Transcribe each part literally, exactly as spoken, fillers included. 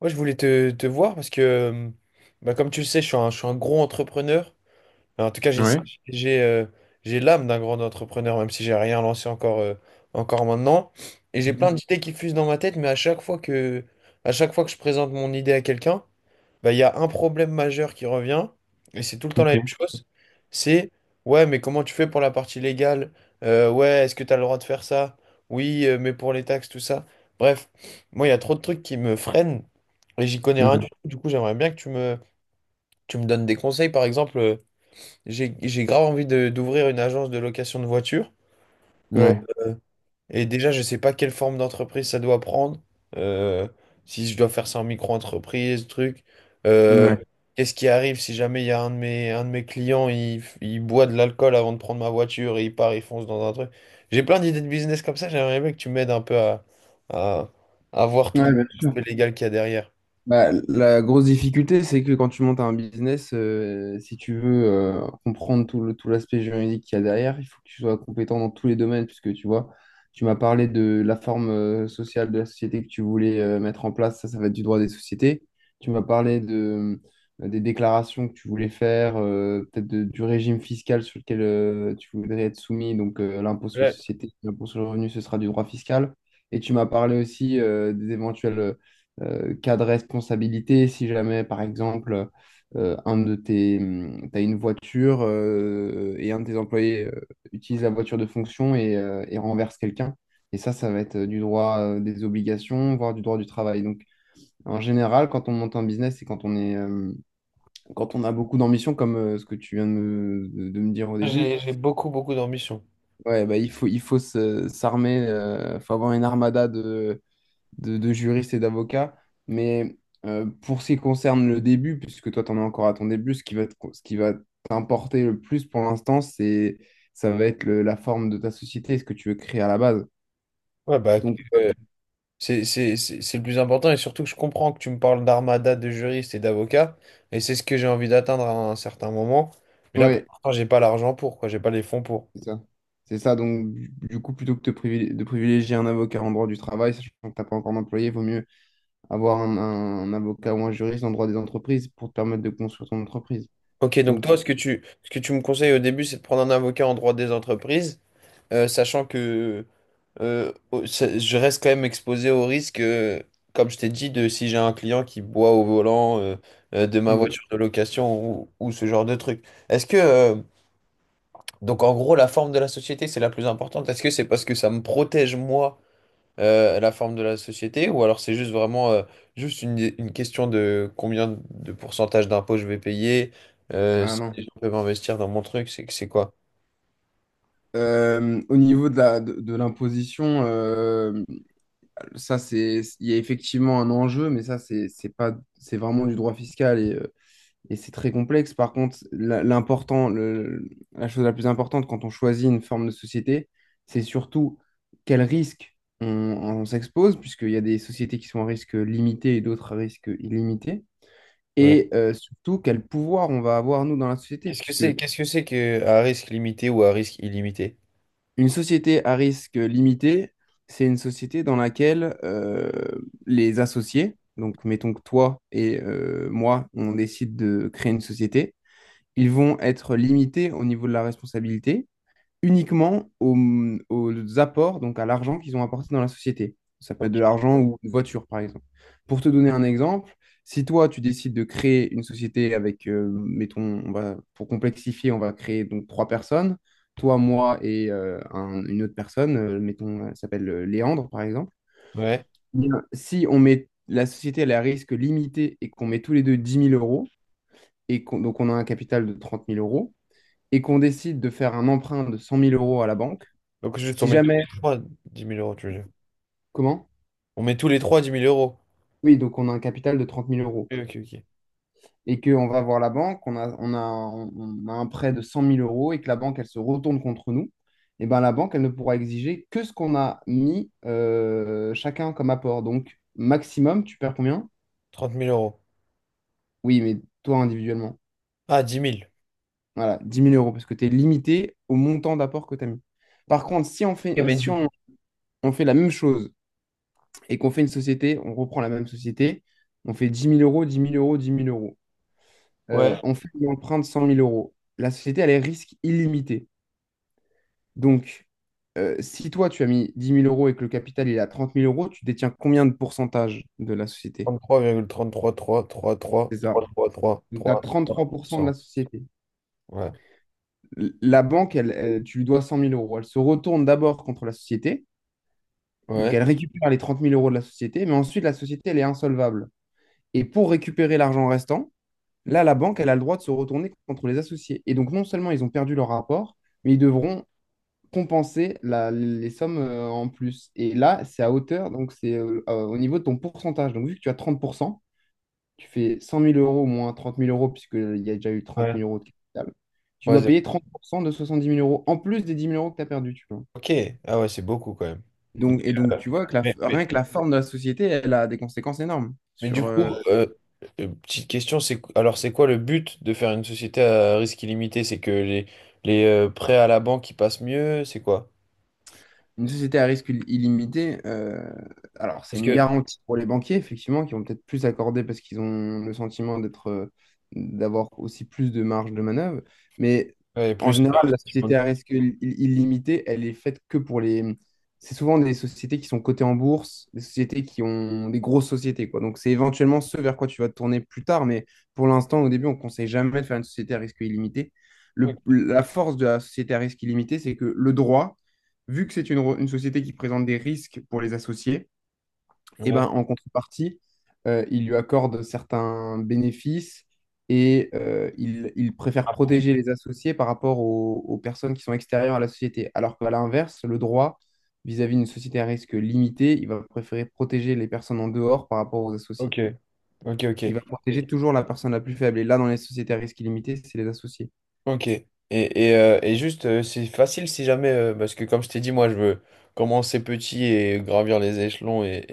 Ouais, je voulais te, te voir parce que, euh, bah, comme tu le sais, je suis un, je suis un gros entrepreneur. Enfin, en tout cas, j'ai Ouais. j'ai euh, j'ai l'âme d'un grand entrepreneur, même si j'ai rien lancé encore, euh, encore maintenant. Et j'ai plein Mhm. d'idées qui fusent dans ma tête, mais à chaque fois que, à chaque fois que je présente mon idée à quelqu'un, bah, il y a un problème majeur qui revient, et c'est tout le temps la Ok. même chose, c'est ouais, mais comment tu fais pour la partie légale? Euh, ouais, est-ce que tu as le droit de faire ça? Oui, euh, mais pour les taxes, tout ça. Bref, moi, il y a trop de trucs qui me freinent et j'y connais rien Mhm. du tout. Du coup, j'aimerais bien que tu me, tu me donnes des conseils. Par exemple, euh, j'ai, j'ai grave envie de- d'ouvrir une agence de location de voitures. Euh, Ouais. et déjà, je ne sais pas quelle forme d'entreprise ça doit prendre. euh, Si je dois faire ça en micro-entreprise, truc. Euh, Ouais. Qu'est-ce qui arrive si jamais il y a un de mes, un de mes clients, il, il boit de l'alcool avant de prendre ma voiture et il part, il fonce dans un truc. J'ai plein d'idées de business comme ça. J'aimerais bien que tu m'aides un peu à, à, à voir tout Ouais, bien sûr. l'aspect légal qu'il y a derrière. Bah, la grosse difficulté, c'est que quand tu montes un business, euh, si tu veux euh, comprendre tout le, tout l'aspect juridique qu'il y a derrière, il faut que tu sois compétent dans tous les domaines, puisque tu vois, tu m'as parlé de la forme euh, sociale de la société que tu voulais euh, mettre en place, ça, ça va être du droit des sociétés. Tu m'as parlé de, euh, des déclarations que tu voulais faire, euh, peut-être de- du régime fiscal sur lequel euh, tu voudrais être soumis, donc euh, l'impôt sur les Ouais. sociétés, l'impôt sur le revenu, ce sera du droit fiscal. Et tu m'as parlé aussi euh, des éventuels euh, euh, cas de responsabilité, si jamais, par exemple, euh, un de tes, mm, t'as une voiture euh, et un de tes employés euh, utilise la voiture de fonction et, euh, et renverse quelqu'un. Et ça, ça va être euh, du droit euh, des obligations, voire du droit du travail. Donc, en général, quand on monte un business et quand on est, euh, quand on a beaucoup d'ambition, comme euh, ce que tu viens de me, de- de me dire au début, J'ai, j'ai beaucoup, beaucoup d'ambition. ouais, bah, il faut, il faut se- s'armer, euh, faut avoir une armada de, de, de juriste et d'avocat. Mais euh, pour ce qui concerne le début, puisque toi, tu en es encore à ton début, ce qui va te- ce qui va t'importer le plus pour l'instant, c'est, ça va être le- la forme de ta société, ce que tu veux créer à la base. Ouais, bah, Donc, euh, C'est c'est- c'est- c'est le plus important, et surtout que je comprends que tu me parles d'armada de juristes et d'avocats, et c'est ce que j'ai envie d'atteindre à un certain moment. Mais euh, là, pour ouais, l'instant, j'ai pas l'argent pour, quoi, j'ai pas les fonds pour. c'est ça. C'est ça. Donc, du du coup, plutôt que de privil- de privilégier un avocat en droit du travail, sachant que tu n'as pas encore d'employé, il vaut mieux avoir un, un- un avocat ou un juriste en droit des entreprises pour te permettre de construire ton entreprise. Ok, donc Donc, toi, ce que tu, ce que tu me conseilles au début, c'est de prendre un avocat en droit des entreprises, euh, sachant que euh, au- ça- je reste quand même exposé au risque, euh, comme je t'ai dit, de si j'ai un client qui boit au volant euh, euh, de ma c'est- voiture de location ou, ou ce genre de truc. Est-ce que euh, Donc en gros, la forme de la société, c'est la plus importante. Est-ce que c'est parce que ça me protège, moi, euh, la forme de la société, ou alors c'est juste vraiment euh, juste une, une question de combien de pourcentage d'impôts je vais payer, euh, ah si non. je peux investir dans mon truc, c'est c'est quoi? Euh, au niveau de la, de, de l'imposition, euh, ça c'est, il y a effectivement un enjeu, mais ça c'est c'est pas, c'est vraiment du droit fiscal et, euh, et c'est très complexe. Par contre, la- l'important, le- la chose la plus importante quand on choisit une forme de société, c'est surtout quel risque on, on s'expose, puisqu'il y a des sociétés qui sont à risque limité et d'autres à risque illimité, Ouais. et euh, surtout quel pouvoir on va avoir nous dans la société, Qu'est-ce que puisque c'est, qu'est-ce que c'est que à risque limité ou à risque illimité? une société à risque limité, c'est une société dans laquelle euh, les associés, donc mettons que toi et euh, moi, on décide de créer une société, ils vont être limités au niveau de la responsabilité, uniquement aux, aux apports, donc à l'argent qu'ils ont apporté dans la société. Ça peut être Ok. de l'argent ou une voiture, par exemple. Pour te donner un exemple, si toi, tu décides de créer une société avec, euh, mettons, on va, pour complexifier, on va créer donc trois personnes, toi, moi et euh, un- une autre personne, euh, mettons, elle s'appelle euh, Léandre, par exemple. Ouais. Bien, si on met la société elle est à risque limité et qu'on met tous les deux dix mille euros, et qu'on- donc on a un capital de trente mille euros, et qu'on décide de faire un emprunt de cent mille euros à la banque, Donc juste si on met tous jamais, les trois dix mille euros, tu veux dire. comment? On met tous les trois dix mille euros. Oui, donc on a un capital de trente mille euros Ok, ok, ok. et qu'on va voir la banque, on a, on a, un- on a un prêt de cent mille euros et que la banque, elle se retourne contre nous, et ben la banque, elle ne pourra exiger que ce qu'on a mis euh, chacun comme apport. Donc, maximum, tu perds combien? trente mille euros. Oui, mais toi individuellement. Ah, dix mille. Voilà, dix mille euros parce que tu es limité au montant d'apport que tu as mis. Par contre, si on Ok, fait, mais si du coup. on, on fait la même chose et qu'on fait une société, on reprend la même société, on fait dix mille euros, dix mille euros, dix mille euros. Euh, Ouais. on fait une empreinte cent mille euros. La société, elle est risque illimité. Donc, euh, si toi, tu as mis dix mille euros et que le capital il est à trente mille euros, tu détiens combien de pourcentage de la société? Trente-trois virgule trente-trois trois trois trois C'est ça. trois trois Donc, tu as trois virgule trente-trois pour cent de trois. la société. Ouais. L- La banque, elle, elle- tu lui dois cent mille euros. Elle se retourne d'abord contre la société. Donc, Ouais. elle récupère les trente mille euros de la société, mais ensuite, la société, elle est insolvable. Et pour récupérer l'argent restant, là, la banque, elle a le droit de se retourner contre les associés. Et donc, non seulement ils ont perdu leur rapport, mais ils devront compenser la- les sommes euh, en plus. Et là, c'est à hauteur, donc c'est euh, euh, au niveau de ton pourcentage. Donc, vu que tu as trente pour cent, tu fais cent mille euros moins trente mille euros, puisqu'il y a déjà eu trente Ouais. mille euros de capital, tu Ouais, dois zéro. payer trente pour cent de soixante dix mille euros en plus des dix mille euros que tu as perdus, tu vois. Ok. Ah ouais, c'est beaucoup quand même. Donc, et donc, Euh, tu vois que la- Mais, mais rien que la forme de la société, elle a des conséquences énormes Mais sur, du coup, euh, euh, euh, petite question, c'est alors c'est quoi le but de faire une société à risque illimité? C'est que les, les euh, prêts à la banque qui passent mieux, c'est quoi? une société à risque il- illimité, euh, alors c'est Parce une que garantie pour les banquiers, effectivement, qui vont peut-être plus accorder parce qu'ils ont le sentiment d'être, euh, d'avoir aussi plus de marge de manœuvre. Mais ouais, en plus. général, la société à risque il- il- illimité, elle est faite que pour les... C'est souvent des sociétés qui sont cotées en bourse, des sociétés qui ont des grosses sociétés, quoi. Donc c'est éventuellement ce vers quoi tu vas te tourner plus tard, mais pour l'instant, au début, on ne conseille jamais de faire une société à risque illimité. Le- Ok. La force de la société à risque illimité, c'est que le droit vu que c'est une, une société qui présente des risques pour les associés, eh Ouais. ben, en contrepartie, euh, il lui accorde certains bénéfices et euh, il, il préfère Ah, pour- protéger les associés par rapport aux, aux personnes qui sont extérieures à la société. Alors qu'à l'inverse, le droit vis-à-vis d'une société à risque limité, il va préférer protéger les personnes en dehors par rapport aux Ok, associés. ok, Il va ok. protéger toujours la personne la plus faible. Et là, dans les sociétés à risque illimité, c'est les associés. Ok. Et, et, euh, et juste, euh, c'est facile si jamais, euh, parce que comme je t'ai dit, moi, je veux commencer petit et gravir les échelons, et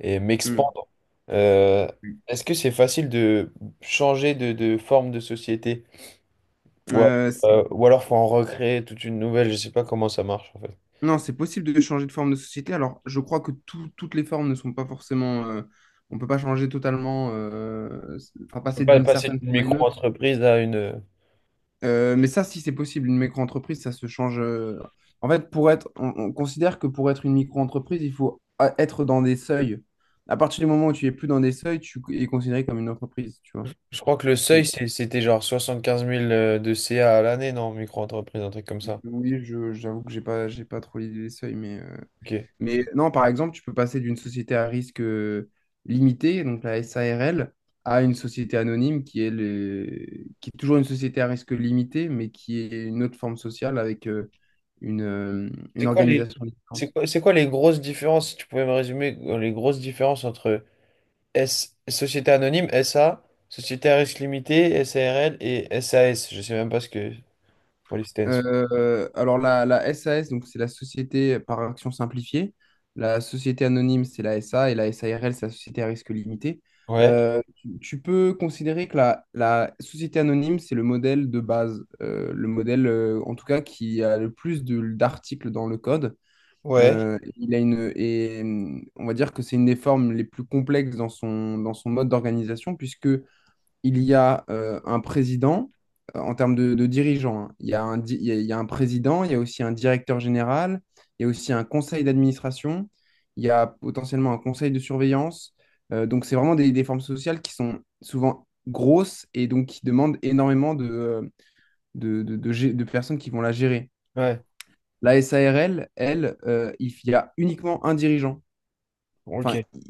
et, et Mm. m'expandre. Euh, est-ce que c'est facile de changer de, de forme de société? Ou alors, Euh, euh, ou alors faut en recréer toute une nouvelle, je sais pas comment ça marche en fait. Non, c'est possible de changer de forme de société. Alors, je crois que tout- toutes les formes ne sont pas forcément. euh, on ne peut pas changer totalement, euh, enfin, On peut passer pas d'une passer certaine d'une forme à une autre. micro-entreprise à une... Euh, mais ça, si c'est possible, une micro-entreprise, ça se change. euh, En fait, pour être, on, on considère que pour être une micro-entreprise, il faut a- être dans des seuils. À partir du moment où tu es plus dans des seuils, tu es considéré comme une entreprise, tu vois. Je crois que le Et- seuil, c'est- c'était genre soixante-quinze mille euh, de C A à l'année, non, micro-entreprise, un truc comme ça. oui, je- j'avoue que j'ai pas, j'ai pas trop l'idée des seuils, mais. Ok. Mais non, par exemple, tu peux passer d'une société à risque euh, limité, donc la S A R L, à une société anonyme qui est, le- qui est toujours une société à risque limité, mais qui est une autre forme sociale avec euh, une, euh, une C'est quoi les, organisation c'est différente. quoi, c'est quoi les grosses différences, si tu pouvais me résumer, euh, les grosses différences entre S, Société Anonyme, S A, Société à risque limité, sarl et sas. Je sais même pas ce que... what it stands for. Euh, alors la, la S A S, donc c'est la société par action simplifiée. La société anonyme, c'est la S A et la S A R L, c'est la société à risque limité. Ouais, Euh, tu, tu peux considérer que la, la société anonyme, c'est le modèle de base, euh, le modèle euh, en tout cas qui a le plus de- d'articles dans le code. ouais, Euh, il a une, et hum, on va dire que c'est une des formes les plus complexes dans son, dans son mode d'organisation, puisque il y a euh, un président euh, en termes de, de dirigeants. Hein. Il y a un, di- il y a- il y a un président, il y a aussi un directeur général, il y a aussi un conseil d'administration, il y a potentiellement un conseil de surveillance. Euh, donc, c'est vraiment des, des formes sociales qui sont souvent grosses et donc qui demandent énormément de, euh, de, de- de gé- de personnes qui vont la gérer. ouais. La S A R L, elle, euh, il y a uniquement un dirigeant Ok, enfin, il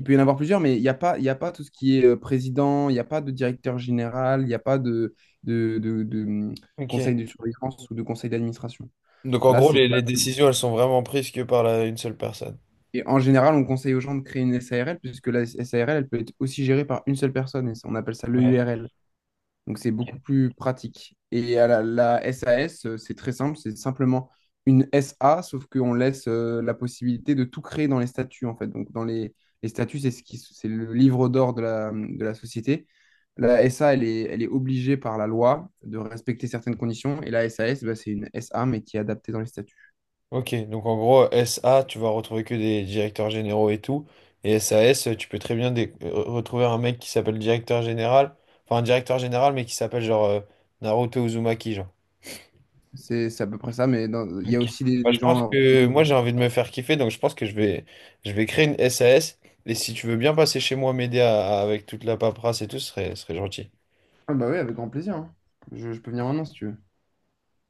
il peut y en avoir plusieurs, mais il n'y a pas, il y a pas tout ce qui est euh, président, il n'y a pas de directeur général, il n'y a pas de, de, de- de, hum, ok. conseil de surveillance ou de conseil d'administration. Donc en Là, gros, c'est les, les vraiment- décisions, elles sont vraiment prises que par la- une seule personne. Et en général, on conseille aux gens de créer une S A R L, puisque la S A R L, elle peut être aussi gérée par une seule personne, et ça- on appelle ça Ouais. l'E U R L. Donc c'est beaucoup Ok. plus pratique. Et à la, la S A S, euh, c'est très simple, c'est simplement une S A, sauf qu'on laisse euh, la possibilité de tout créer dans les statuts, en fait. Donc dans les, les statuts, c'est ce qui, c'est le livre d'or de la, de la société. La S A, elle est, elle est obligée par la loi de respecter certaines conditions, et la S A S, bah, c'est une S A, mais qui est adaptée dans les statuts. Ok, donc en gros, S A, tu vas retrouver que des directeurs généraux et tout. Et sas, tu peux très bien dé- re- retrouver un mec qui s'appelle directeur général. Enfin, un directeur général, mais qui s'appelle genre euh, Naruto Uzumaki, genre. C'est c'est à peu près ça, mais dans- il Ok. y a aussi des, Bah, des je pense gens... que euh, moi, j'ai envie de me faire kiffer, donc je pense que je vais, je vais créer une sas. Et si tu veux bien passer chez moi m'aider à- à- avec toute la paperasse et tout, ce serait, ce serait gentil. Ah bah oui, avec grand plaisir. Hein. Je, je peux venir maintenant si tu veux.